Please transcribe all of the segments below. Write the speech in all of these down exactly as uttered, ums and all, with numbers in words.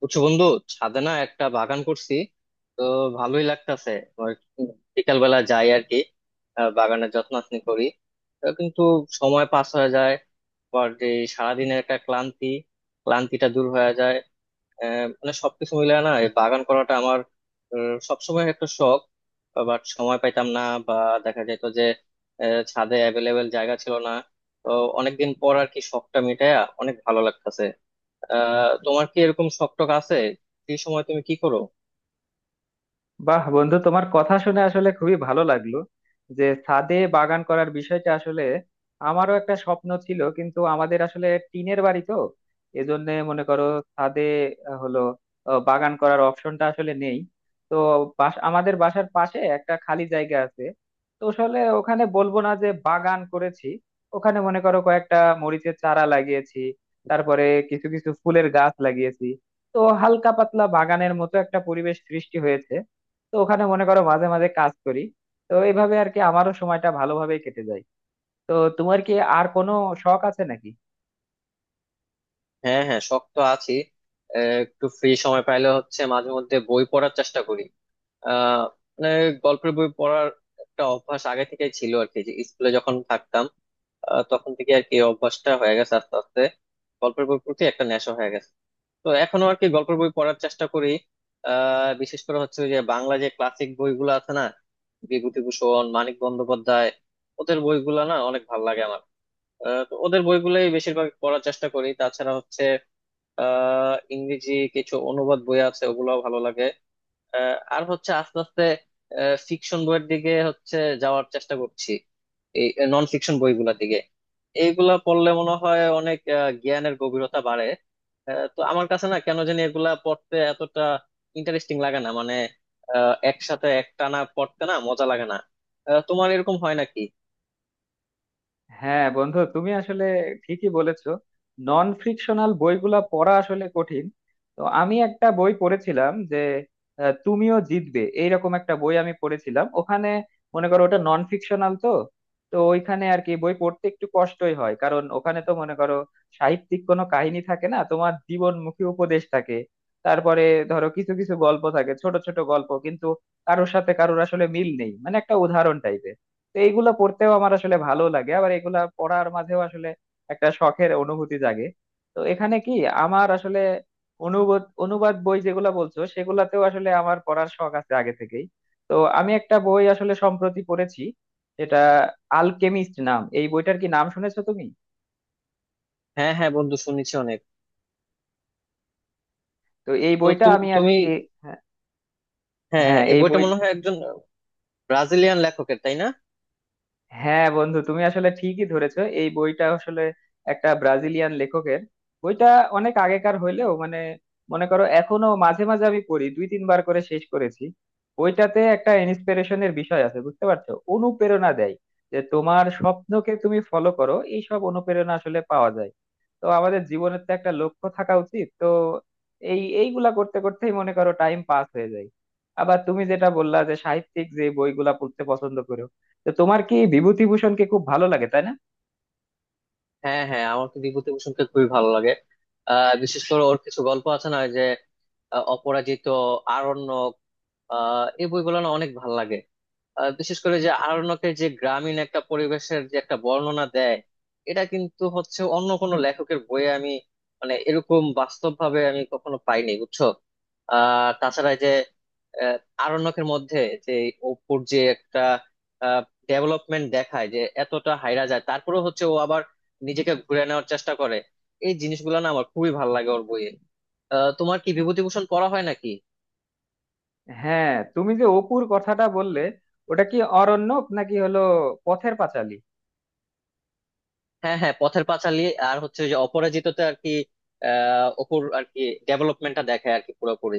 বুঝছো বন্ধু? ছাদে না একটা বাগান করছি, তো ভালোই লাগতাছে। ওই বিকাল বেলা যাই আর কি, আহ, বাগানের যত্নাত্নি করি। তো কিন্তু সময় পাস হয়ে যায়, পর যে সারাদিনের একটা ক্লান্তি, ক্লান্তিটা দূর হয়ে যায়। আহ, মানে সবকিছু মিলে না এই বাগান করাটা আমার আহ, সবসময় একটা শখ। বাট সময় পাইতাম না, বা দেখা যেত যে আহ, ছাদে অ্যাভেলেবেল জায়গা ছিল না। তো অনেকদিন পর আর কি শখটা মিটায়া অনেক ভালো লাগতাছে। আহ তোমার কি এরকম শখ টখ আছে? ফ্রি সময় তুমি কি করো? বাহ বন্ধু, তোমার কথা শুনে আসলে খুবই ভালো লাগলো যে ছাদে বাগান করার বিষয়টা আসলে আমারও একটা স্বপ্ন ছিল। কিন্তু আমাদের আসলে টিনের বাড়ি তো, এজন্য মনে করো ছাদে আহ, হলো আহ, বাগান করার অপশনটা আসলে নেই। তো বাস- আমাদের বাসার পাশে একটা খালি জায়গা আছে। তো আসলে ওখানে বলবো না যে বাগান করেছি, ওখানে মনে করো কয়েকটা মরিচের চারা লাগিয়েছি। তারপরে কিছু কিছু ফুলের গাছ লাগিয়েছি। তো হালকা পাতলা বাগানের মতো একটা পরিবেশ সৃষ্টি হয়েছে। তো ওখানে মনে করো মাঝে মাঝে কাজ করি। তো এইভাবে আর কি আমারও সময়টা ভালোভাবে কেটে যায়। তো তোমার কি আর কোনো শখ আছে নাকি? হ্যাঁ হ্যাঁ শখ তো আছে। আহ, একটু ফ্রি সময় পাইলে হচ্ছে মাঝে মধ্যে বই পড়ার চেষ্টা করি। আহ মানে গল্পের বই পড়ার একটা অভ্যাস আগে থেকেই ছিল আর কি, যে স্কুলে যখন থাকতাম, আহ, তখন থেকে আর কি এই অভ্যাসটা হয়ে গেছে আস্তে আস্তে, গল্পের বই প্রতি একটা নেশা হয়ে গেছে। তো এখনো আর কি গল্পের বই পড়ার চেষ্টা করি। আহ বিশেষ করে হচ্ছে ওই যে বাংলা যে ক্লাসিক বইগুলো আছে না, বিভূতিভূষণ, মানিক বন্দ্যোপাধ্যায়, ওদের বইগুলো না অনেক ভালো লাগে আমার। আহ, তো ওদের বইগুলোই বেশিরভাগ পড়ার চেষ্টা করি। তাছাড়া হচ্ছে আহ ইংরেজি কিছু অনুবাদ বই আছে, ওগুলো ভালো লাগে। আহ, আর হচ্ছে আস্তে আস্তে ফিকশন বইয়ের দিকে হচ্ছে যাওয়ার চেষ্টা করছি, এই নন ফিকশন বইগুলোর দিকে। এইগুলা পড়লে মনে হয় অনেক আহ, জ্ঞানের গভীরতা বাড়ে। আহ, তো আমার কাছে না কেন জানি এগুলা পড়তে এতটা ইন্টারেস্টিং লাগে না, মানে আহ, একসাথে একটানা পড়তে না মজা লাগে না। আহ, তোমার এরকম হয় নাকি? হ্যাঁ বন্ধু, তুমি আসলে ঠিকই বলেছো, নন ফ্রিকশনাল বইগুলা পড়া আসলে কঠিন। তো আমি একটা বই পড়েছিলাম যে আহ, তুমিও জিতবে এইরকম একটা বই আমি পড়েছিলাম। ওখানে মনে করো ওটা নন ফিকশনাল তো। তো ওইখানে আর কি বই পড়তে একটু কষ্টই হয়, কারণ ওখানে তো মনে করো সাহিত্যিক কোনো কাহিনী থাকে না, তোমার জীবনমুখী উপদেশ থাকে। তারপরে ধরো কিছু কিছু গল্প থাকে, ছোট ছোট গল্প। কিন্তু কারোর সাথে কারোর আসলে মিল নেই, মানে একটা উদাহরণ টাইপের। তো এইগুলা পড়তেও আমার আসলে ভালো লাগে, আবার এগুলা পড়ার মাঝেও আসলে একটা শখের অনুভূতি জাগে। তো এখানে কি আমার আসলে অনুবাদ অনুবাদ বই যেগুলা বলছো সেগুলাতেও আসলে আমার পড়ার শখ আছে আগে থেকেই। তো আমি একটা বই আসলে সম্প্রতি পড়েছি, এটা আলকেমিস্ট নাম। এই বইটার কি নাম শুনেছো তুমি? হ্যাঁ হ্যাঁ বন্ধু, শুনেছি অনেক। তো এই তো বইটা তুমি আমি আর তুমি কি, হ্যাঁ হ্যাঁ হ্যাঁ, হ্যাঁ, এই এই বইটা বই, মনে হয় একজন ব্রাজিলিয়ান লেখকের, তাই না? হ্যাঁ বন্ধু তুমি আসলে ঠিকই ধরেছো। এই বইটা আসলে একটা ব্রাজিলিয়ান লেখকের। বইটা অনেক আগেকার হইলেও মানে মনে করো এখনো মাঝে মাঝে আমি পড়ি, দুই তিনবার করে শেষ করেছি। বইটাতে একটা ইন্সপিরেশনের বিষয় আছে, বুঝতে পারছো, অনুপ্রেরণা দেয় যে তোমার স্বপ্নকে তুমি ফলো করো, এই সব অনুপ্রেরণা আসলে পাওয়া যায়। তো আমাদের জীবনের তো একটা লক্ষ্য থাকা উচিত, তো এই এইগুলা করতে করতেই মনে করো টাইম পাস হয়ে যায়। আবার তুমি যেটা বললা যে সাহিত্যিক যে বইগুলা পড়তে পছন্দ করো, তো তোমার কি বিভূতিভূষণকে খুব ভালো লাগে, তাই না? হ্যাঁ হ্যাঁ, আমার তো বিভূতিভূষণকে খুবই ভালো লাগে। আহ বিশেষ করে ওর কিছু গল্প আছে না, ওই যে আহ, অপরাজিত, আরণ্যক, আহ এই বইগুলো না অনেক ভালো লাগে। আহ, বিশেষ করে যে আরণ্যকের যে গ্রামীণ একটা পরিবেশের যে একটা বর্ণনা দেয়, এটা কিন্তু হচ্ছে অন্য কোনো লেখকের বইয়ে আমি, মানে এরকম বাস্তব ভাবে আমি কখনো পাইনি বুঝছো। আহ তাছাড়া এই যে আহ, আরণ্যকের মধ্যে যে অপুর যে একটা ডেভেলপমেন্ট দেখায়, যে এতটা হাইরা যায় তারপরে হচ্ছে ও আবার নিজেকে ঘুরে নেওয়ার চেষ্টা করে। এই জিনিসগুলো না আমার খুবই ভালো লাগে ওর বইয়ে। আহ তোমার কি বিভূতিভূষণ পড়া হয় নাকি? হ্যাঁ তুমি যে অপুর কথাটা বললে, ওটা কি অরণ্যক নাকি হলো পথের পাঁচালী? হ্যাঁ হ্যাঁ, পথের পাঁচালী। আর হচ্ছে ওই যে অপরাজিততে আর কি, আহ অপুর আর কি ডেভেলপমেন্টটা দেখায় আর কি পুরোপুরি।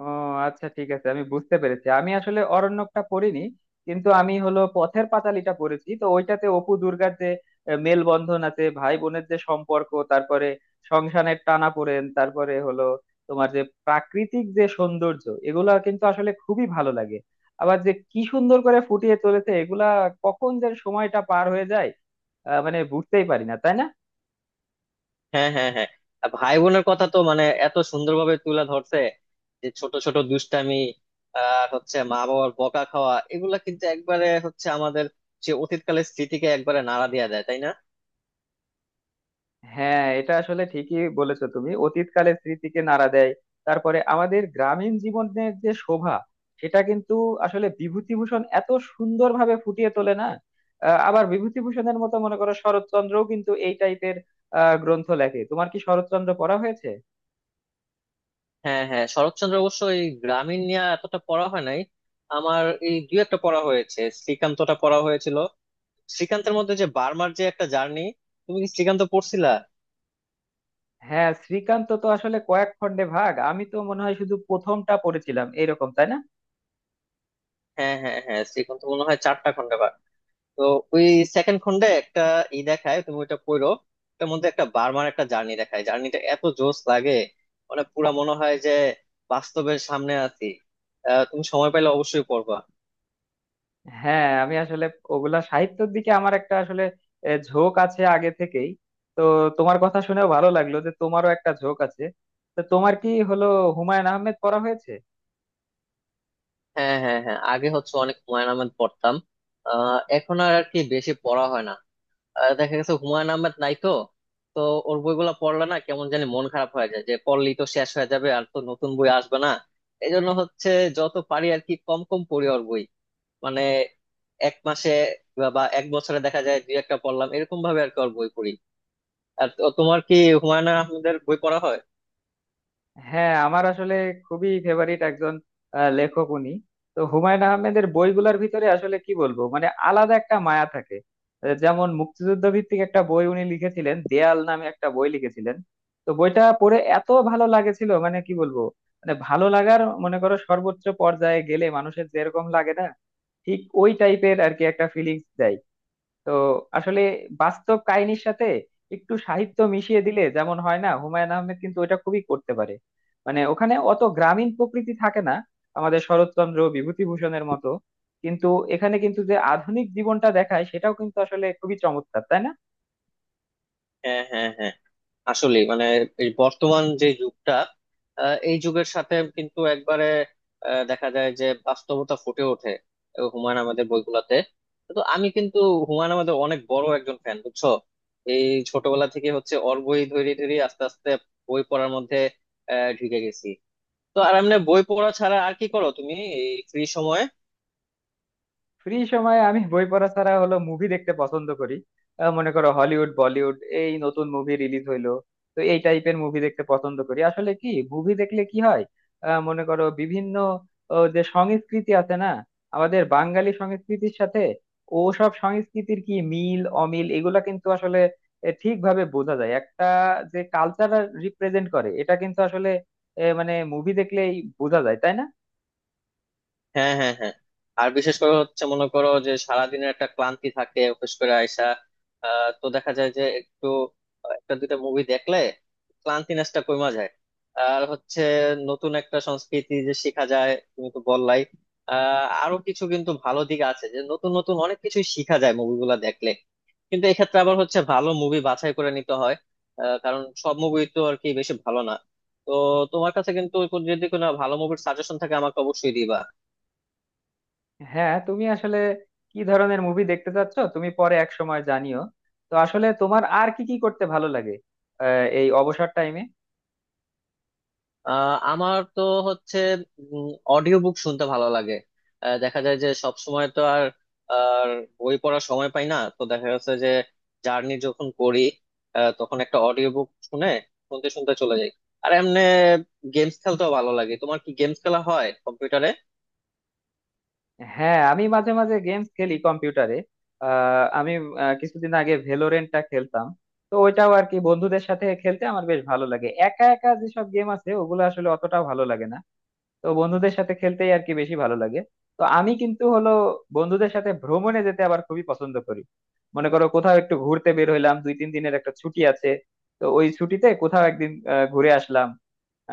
ও, আচ্ছা ঠিক আছে আমি বুঝতে পেরেছি, আমি আসলে অরণ্যকটা পড়িনি। কিন্তু আমি হলো পথের পাঁচালীটা পড়েছি। তো ওইটাতে অপু দুর্গার যে আহ, মেলবন্ধন আছে, ভাই বোনের যে সম্পর্ক, তারপরে সংসারের টানাপোড়েন, তারপরে হলো তোমার যে প্রাকৃতিক যে সৌন্দর্য, এগুলা কিন্তু আসলে খুবই ভালো লাগে। আবার যে কি সুন্দর করে ফুটিয়ে চলেছে এগুলা, কখন যে সময়টা পার হয়ে যায় আহ, মানে বুঝতেই পারি না, তাই না? হ্যাঁ হ্যাঁ হ্যাঁ, আর ভাই বোনের কথা তো মানে এত সুন্দরভাবে তুলে ধরছে, যে ছোট ছোট দুষ্টামি, আর হচ্ছে মা বাবার বকা খাওয়া, এগুলা কিন্তু একবারে হচ্ছে আমাদের যে অতীতকালের স্মৃতিকে একবারে নাড়া দিয়ে দেয়, তাই না? হ্যাঁ এটা আসলে ঠিকই বলেছো তুমি, অতীতকালের স্মৃতিকে নাড়া দেয়। তারপরে আমাদের গ্রামীণ জীবনের যে শোভা, সেটা কিন্তু আসলে বিভূতিভূষণ এত সুন্দরভাবে ফুটিয়ে তোলে না। আহ, আবার বিভূতিভূষণের মতো মনে করো শরৎচন্দ্রও কিন্তু এই টাইপের গ্রন্থ লেখে। তোমার কি শরৎচন্দ্র পড়া হয়েছে? হ্যাঁ হ্যাঁ, শরৎচন্দ্র অবশ্য এই গ্রামীণ নিয়ে এতটা পড়া হয় নাই আমার। এই দুই একটা পড়া হয়েছে, শ্রীকান্তটা পড়া হয়েছিল। শ্রীকান্তের মধ্যে যে বার্মার যে একটা জার্নি, তুমি কি শ্রীকান্ত পড়ছিলা? হ্যাঁ শ্রীকান্ত তো আসলে কয়েক খণ্ডে ভাগ, আমি তো মনে হয় শুধু প্রথমটা পড়েছিলাম এরকম, তাই না? হ্যাঁ হ্যাঁ হ্যাঁ, শ্রীকান্ত মনে হয় চারটা খন্ডে বার। তো ওই সেকেন্ড খন্ডে একটা ই দেখায়, তুমি ওইটা পড়ো। ওটার মধ্যে একটা বার্মার একটা জার্নি দেখায়, জার্নিটা এত জোস লাগে, মানে পুরা মনে হয় যে বাস্তবের সামনে আছি। আহ, তুমি সময় পেলে অবশ্যই পড়বা। হ্যাঁ আমি আসলে ওগুলা সাহিত্যের দিকে আমার একটা আসলে আহ, ঝোঁক আছে আগে থেকেই। তো তোমার কথা শুনেও ভালো লাগলো যে তোমারও একটা ঝোঁক আছে। তো তোমার কি হলো হুমায়ুন আহমেদ পড়া হয়েছে? হ্যাঁ হ্যাঁ হ্যাঁ, আগে হচ্ছে অনেক হুমায়ুন আহমেদ পড়তাম। আহ এখন আর আর কি বেশি পড়া হয় না। আহ দেখা গেছে হুমায়ুন আহমেদ নাই তো, তো ওর বইগুলা পড়লে না কেমন জানি মন খারাপ হয়ে যায়, যে পড়লেই তো শেষ হয়ে যাবে, আর তো নতুন বই আসবে না। এই জন্য হচ্ছে যত পারি আর কি কম কম পড়ি ওর বই। মানে এক মাসে বা বা এক বছরে দেখা যায় দুই একটা পড়লাম, এরকম ভাবে আর কি ওর বই পড়ি। আর তো- তোমার কি হুমায়ুন আহমেদের বই পড়া হয়? হ্যাঁ আমার আসলে খুবই ফেভারিট একজন আহ, লেখক উনি। তো হুমায়ুন আহমেদের বইগুলোর ভিতরে আসলে কি বলবো, মানে আলাদা একটা মায়া থাকে। আহ, যেমন মুক্তিযুদ্ধ ভিত্তিক একটা বই উনি লিখেছিলেন, দেয়াল নামে একটা বই লিখেছিলেন। তো বইটা পড়ে এত ভালো লাগেছিল মানে কি বলবো, মানে ভালো লাগার মনে করো সর্বোচ্চ পর্যায়ে গেলে মানুষের যেরকম লাগে না, ঠিক ওই টাইপের আর কি একটা ফিলিংস দেয়। তো আসলে বাস্তব কাহিনীর সাথে একটু সাহিত্য মিশিয়ে দিলে যেমন হয় না, হুমায়ুন আহমেদ কিন্তু ওটা খুবই করতে পারে। মানে ওখানে অত গ্রামীণ প্রকৃতি থাকে না আমাদের শরৎচন্দ্র বিভূতিভূষণের মতো, কিন্তু এখানে কিন্তু যে আধুনিক জীবনটা দেখায় সেটাও কিন্তু আসলে খুবই চমৎকার, তাই না? হ্যাঁ হ্যাঁ হ্যাঁ, আসলে মানে এই বর্তমান যে যুগটা, আহ, এই যুগের সাথে কিন্তু একবারে আহ, দেখা যায় যে বাস্তবতা ফুটে ওঠে আহ, হুমায়ুন আহমেদের বইগুলাতে। তো আমি কিন্তু হুমায়ুন আহমেদের অনেক বড় একজন ফ্যান, বুঝছো? এই ছোটবেলা থেকে হচ্ছে ওর বই ধরে ধরে আস্তে আস্তে বই পড়ার মধ্যে আহ ঢুকে গেছি। তো আর এমনি বই পড়া ছাড়া আর কি করো তুমি এই ফ্রি সময়ে? ফ্রি সময়ে আমি বই পড়া ছাড়া হলো মুভি দেখতে পছন্দ করি। আহ, মনে করো হলিউড বলিউড এই নতুন মুভি রিলিজ হইলো, তো এই টাইপের মুভি দেখতে পছন্দ করি। আসলে কি মুভি দেখলে কি হয়, আহ, মনে করো বিভিন্ন ও, যে সংস্কৃতি আছে না, আমাদের বাঙালি সংস্কৃতির সাথে ও সব সংস্কৃতির কি মিল অমিল, এগুলা কিন্তু আসলে এ, ঠিকভাবে বোঝা যায়। একটা যে কালচার রিপ্রেজেন্ট করে এটা কিন্তু আসলে এ, মানে মুভি দেখলেই বোঝা যায়, তাই না? হ্যাঁ হ্যাঁ হ্যাঁ, আর বিশেষ করে হচ্ছে মনে করো যে সারাদিনের একটা ক্লান্তি থাকে অফিস করে আইসা, আহ, তো দেখা যায় যে একটু আহ, একটা দুইটা মুভি দেখলে ক্লান্তি নেসটা কমা যায়। আর হচ্ছে নতুন একটা সংস্কৃতি যে শেখা যায়, তুমি তো বললাই। আহ আরো কিছু কিন্তু ভালো দিক আছে, যে নতুন নতুন অনেক কিছুই শিখা যায় মুভিগুলা দেখলে। কিন্তু এক্ষেত্রে আবার হচ্ছে ভালো মুভি বাছাই করে নিতে হয়, আহ, কারণ সব মুভি তো আর কি বেশি ভালো না। তো তোমার কাছে কিন্তু যদি কোনো ভালো মুভির সাজেশন থাকে, আমাকে অবশ্যই দিবা। হ্যাঁ তুমি আসলে কি ধরনের মুভি দেখতে চাচ্ছ তুমি পরে এক সময় জানিও। তো আসলে তোমার আর কি কি করতে ভালো লাগে আহ, এই অবসর টাইমে? আহ আমার তো হচ্ছে অডিও বুক শুনতে ভালো লাগে। আহ, দেখা যায় যে সব সময় তো আর আর বই পড়ার সময় পাই না, তো দেখা যাচ্ছে যে জার্নি যখন করি আহ, তখন একটা অডিও বুক শুনে শুনতে শুনতে চলে যাই। আর এমনি গেমস খেলতেও ভালো লাগে, তোমার কি গেমস খেলা হয় কম্পিউটারে? হ্যাঁ আমি মাঝে মাঝে গেমস খেলি কম্পিউটারে। আহ, আমি আহ, কিছুদিন আগে ভেলোরেন্টটা খেলতাম। তো ওইটাও আর কি বন্ধুদের সাথে খেলতে আমার বেশ ভালো লাগে, একা একা যেসব গেম আছে ওগুলো আসলে অতটাও ভালো লাগে না। তো বন্ধুদের সাথে খেলতেই আর কি বেশি ভালো লাগে। তো আমি কিন্তু হলো বন্ধুদের সাথে ভ্রমণে যেতে আবার খুবই পছন্দ করি। মনে করো কোথাও একটু ঘুরতে বের হইলাম, দুই তিন দিনের একটা ছুটি আছে, তো ওই ছুটিতে কোথাও একদিন আহ, ঘুরে আসলাম।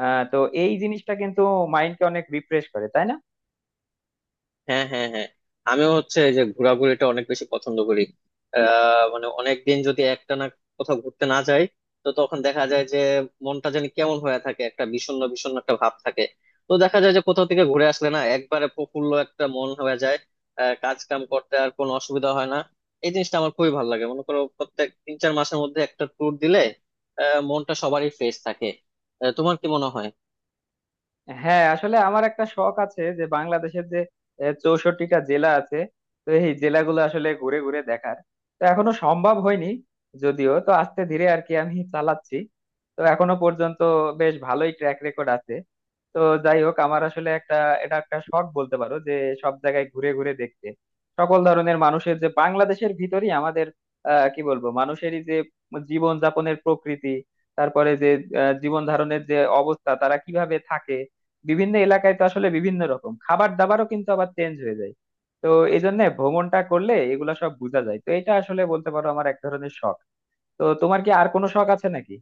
আহ তো এই জিনিসটা কিন্তু মাইন্ডকে অনেক রিফ্রেশ করে, তাই না? হ্যাঁ হ্যাঁ হ্যাঁ, আমিও হচ্ছে এই যে ঘোরাঘুরিটা অনেক বেশি পছন্দ করি। আহ মানে অনেকদিন যদি একটানা কোথাও ঘুরতে না যাই, তো তখন দেখা যায় যে মনটা যেন কেমন হয়ে থাকে, একটা বিষণ্ণ বিষণ্ণ একটা ভাব থাকে। তো দেখা যায় যে কোথাও থেকে ঘুরে আসলে না একবারে প্রফুল্ল একটা মন হয়ে যায়, আহ কাজ কাম করতে আর কোনো অসুবিধা হয় না। এই জিনিসটা আমার খুবই ভালো লাগে, মনে করো প্রত্যেক তিন চার মাসের মধ্যে একটা ট্যুর দিলে আহ মনটা সবারই ফ্রেশ থাকে। আহ, তোমার কি মনে হয়? হ্যাঁ আসলে আমার একটা শখ আছে যে বাংলাদেশের যে চৌষট্টিটা জেলা আছে, তো এই জেলাগুলো আসলে ঘুরে ঘুরে দেখার। তো এখনো সম্ভব হয়নি, যদিও তো আস্তে ধীরে আর কি আমি চালাচ্ছি। তো এখনো পর্যন্ত বেশ ভালোই ট্র্যাক রেকর্ড আছে। তো যাই হোক আমার আসলে একটা, এটা একটা শখ বলতে পারো যে সব জায়গায় ঘুরে ঘুরে দেখতে সকল ধরনের মানুষের যে বাংলাদেশের ভিতরই আমাদের আহ কি বলবো মানুষেরই যে জীবন যাপনের প্রকৃতি, তারপরে যে জীবন ধারণের যে অবস্থা তারা কিভাবে থাকে। বিভিন্ন এলাকায় তো আসলে বিভিন্ন রকম খাবার দাবারও কিন্তু আবার চেঞ্জ হয়ে যায়। তো এই জন্য ভ্রমণটা করলে এগুলা সব বোঝা যায়, তো এটা আসলে বলতে পারো আমার এক ধরনের শখ। তো তোমার কি আর কোনো শখ আছে নাকি?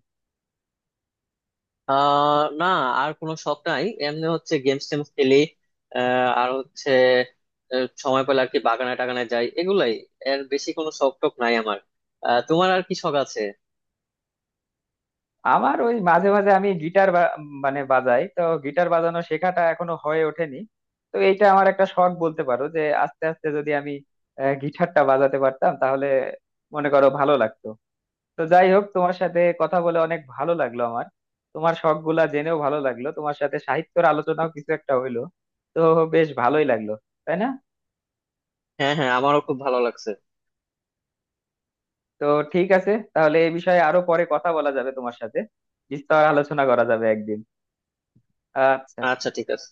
আহ না, আর কোনো শখ নাই। এমনি হচ্ছে গেমস টেমস খেলি, আহ, আর হচ্ছে আহ, সময় পেলে আর কি বাগানে টাগানে যাই, এগুলাই। এর বেশি কোনো শখ টখ নাই আমার। আহ, তোমার আর কি শখ আছে? আমার ওই মাঝে মাঝে আমি গিটার বা- মানে বাজাই, তো গিটার বাজানো শেখাটা এখনো হয়ে ওঠেনি। তো এইটা আমার একটা শখ বলতে পারো যে আস্তে আস্তে যদি আমি আহ, গিটারটা বাজাতে পারতাম তাহলে মনে করো ভালো লাগতো। তো যাই হোক তোমার সাথে কথা বলে অনেক ভালো লাগলো আমার, তোমার শখ গুলা জেনেও ভালো লাগলো, তোমার সাথে সাহিত্যের আলোচনাও কিছু একটা হইলো। তো বেশ ভালোই লাগলো, তাই না? হ্যাঁ হ্যাঁ আমারও খুব ভালো লাগছে। তো ঠিক আছে তাহলে এই বিষয়ে আরো পরে কথা বলা যাবে তোমার সাথে, বিস্তর আলোচনা করা যাবে একদিন। আচ্ছা। আচ্ছা ঠিক আছে।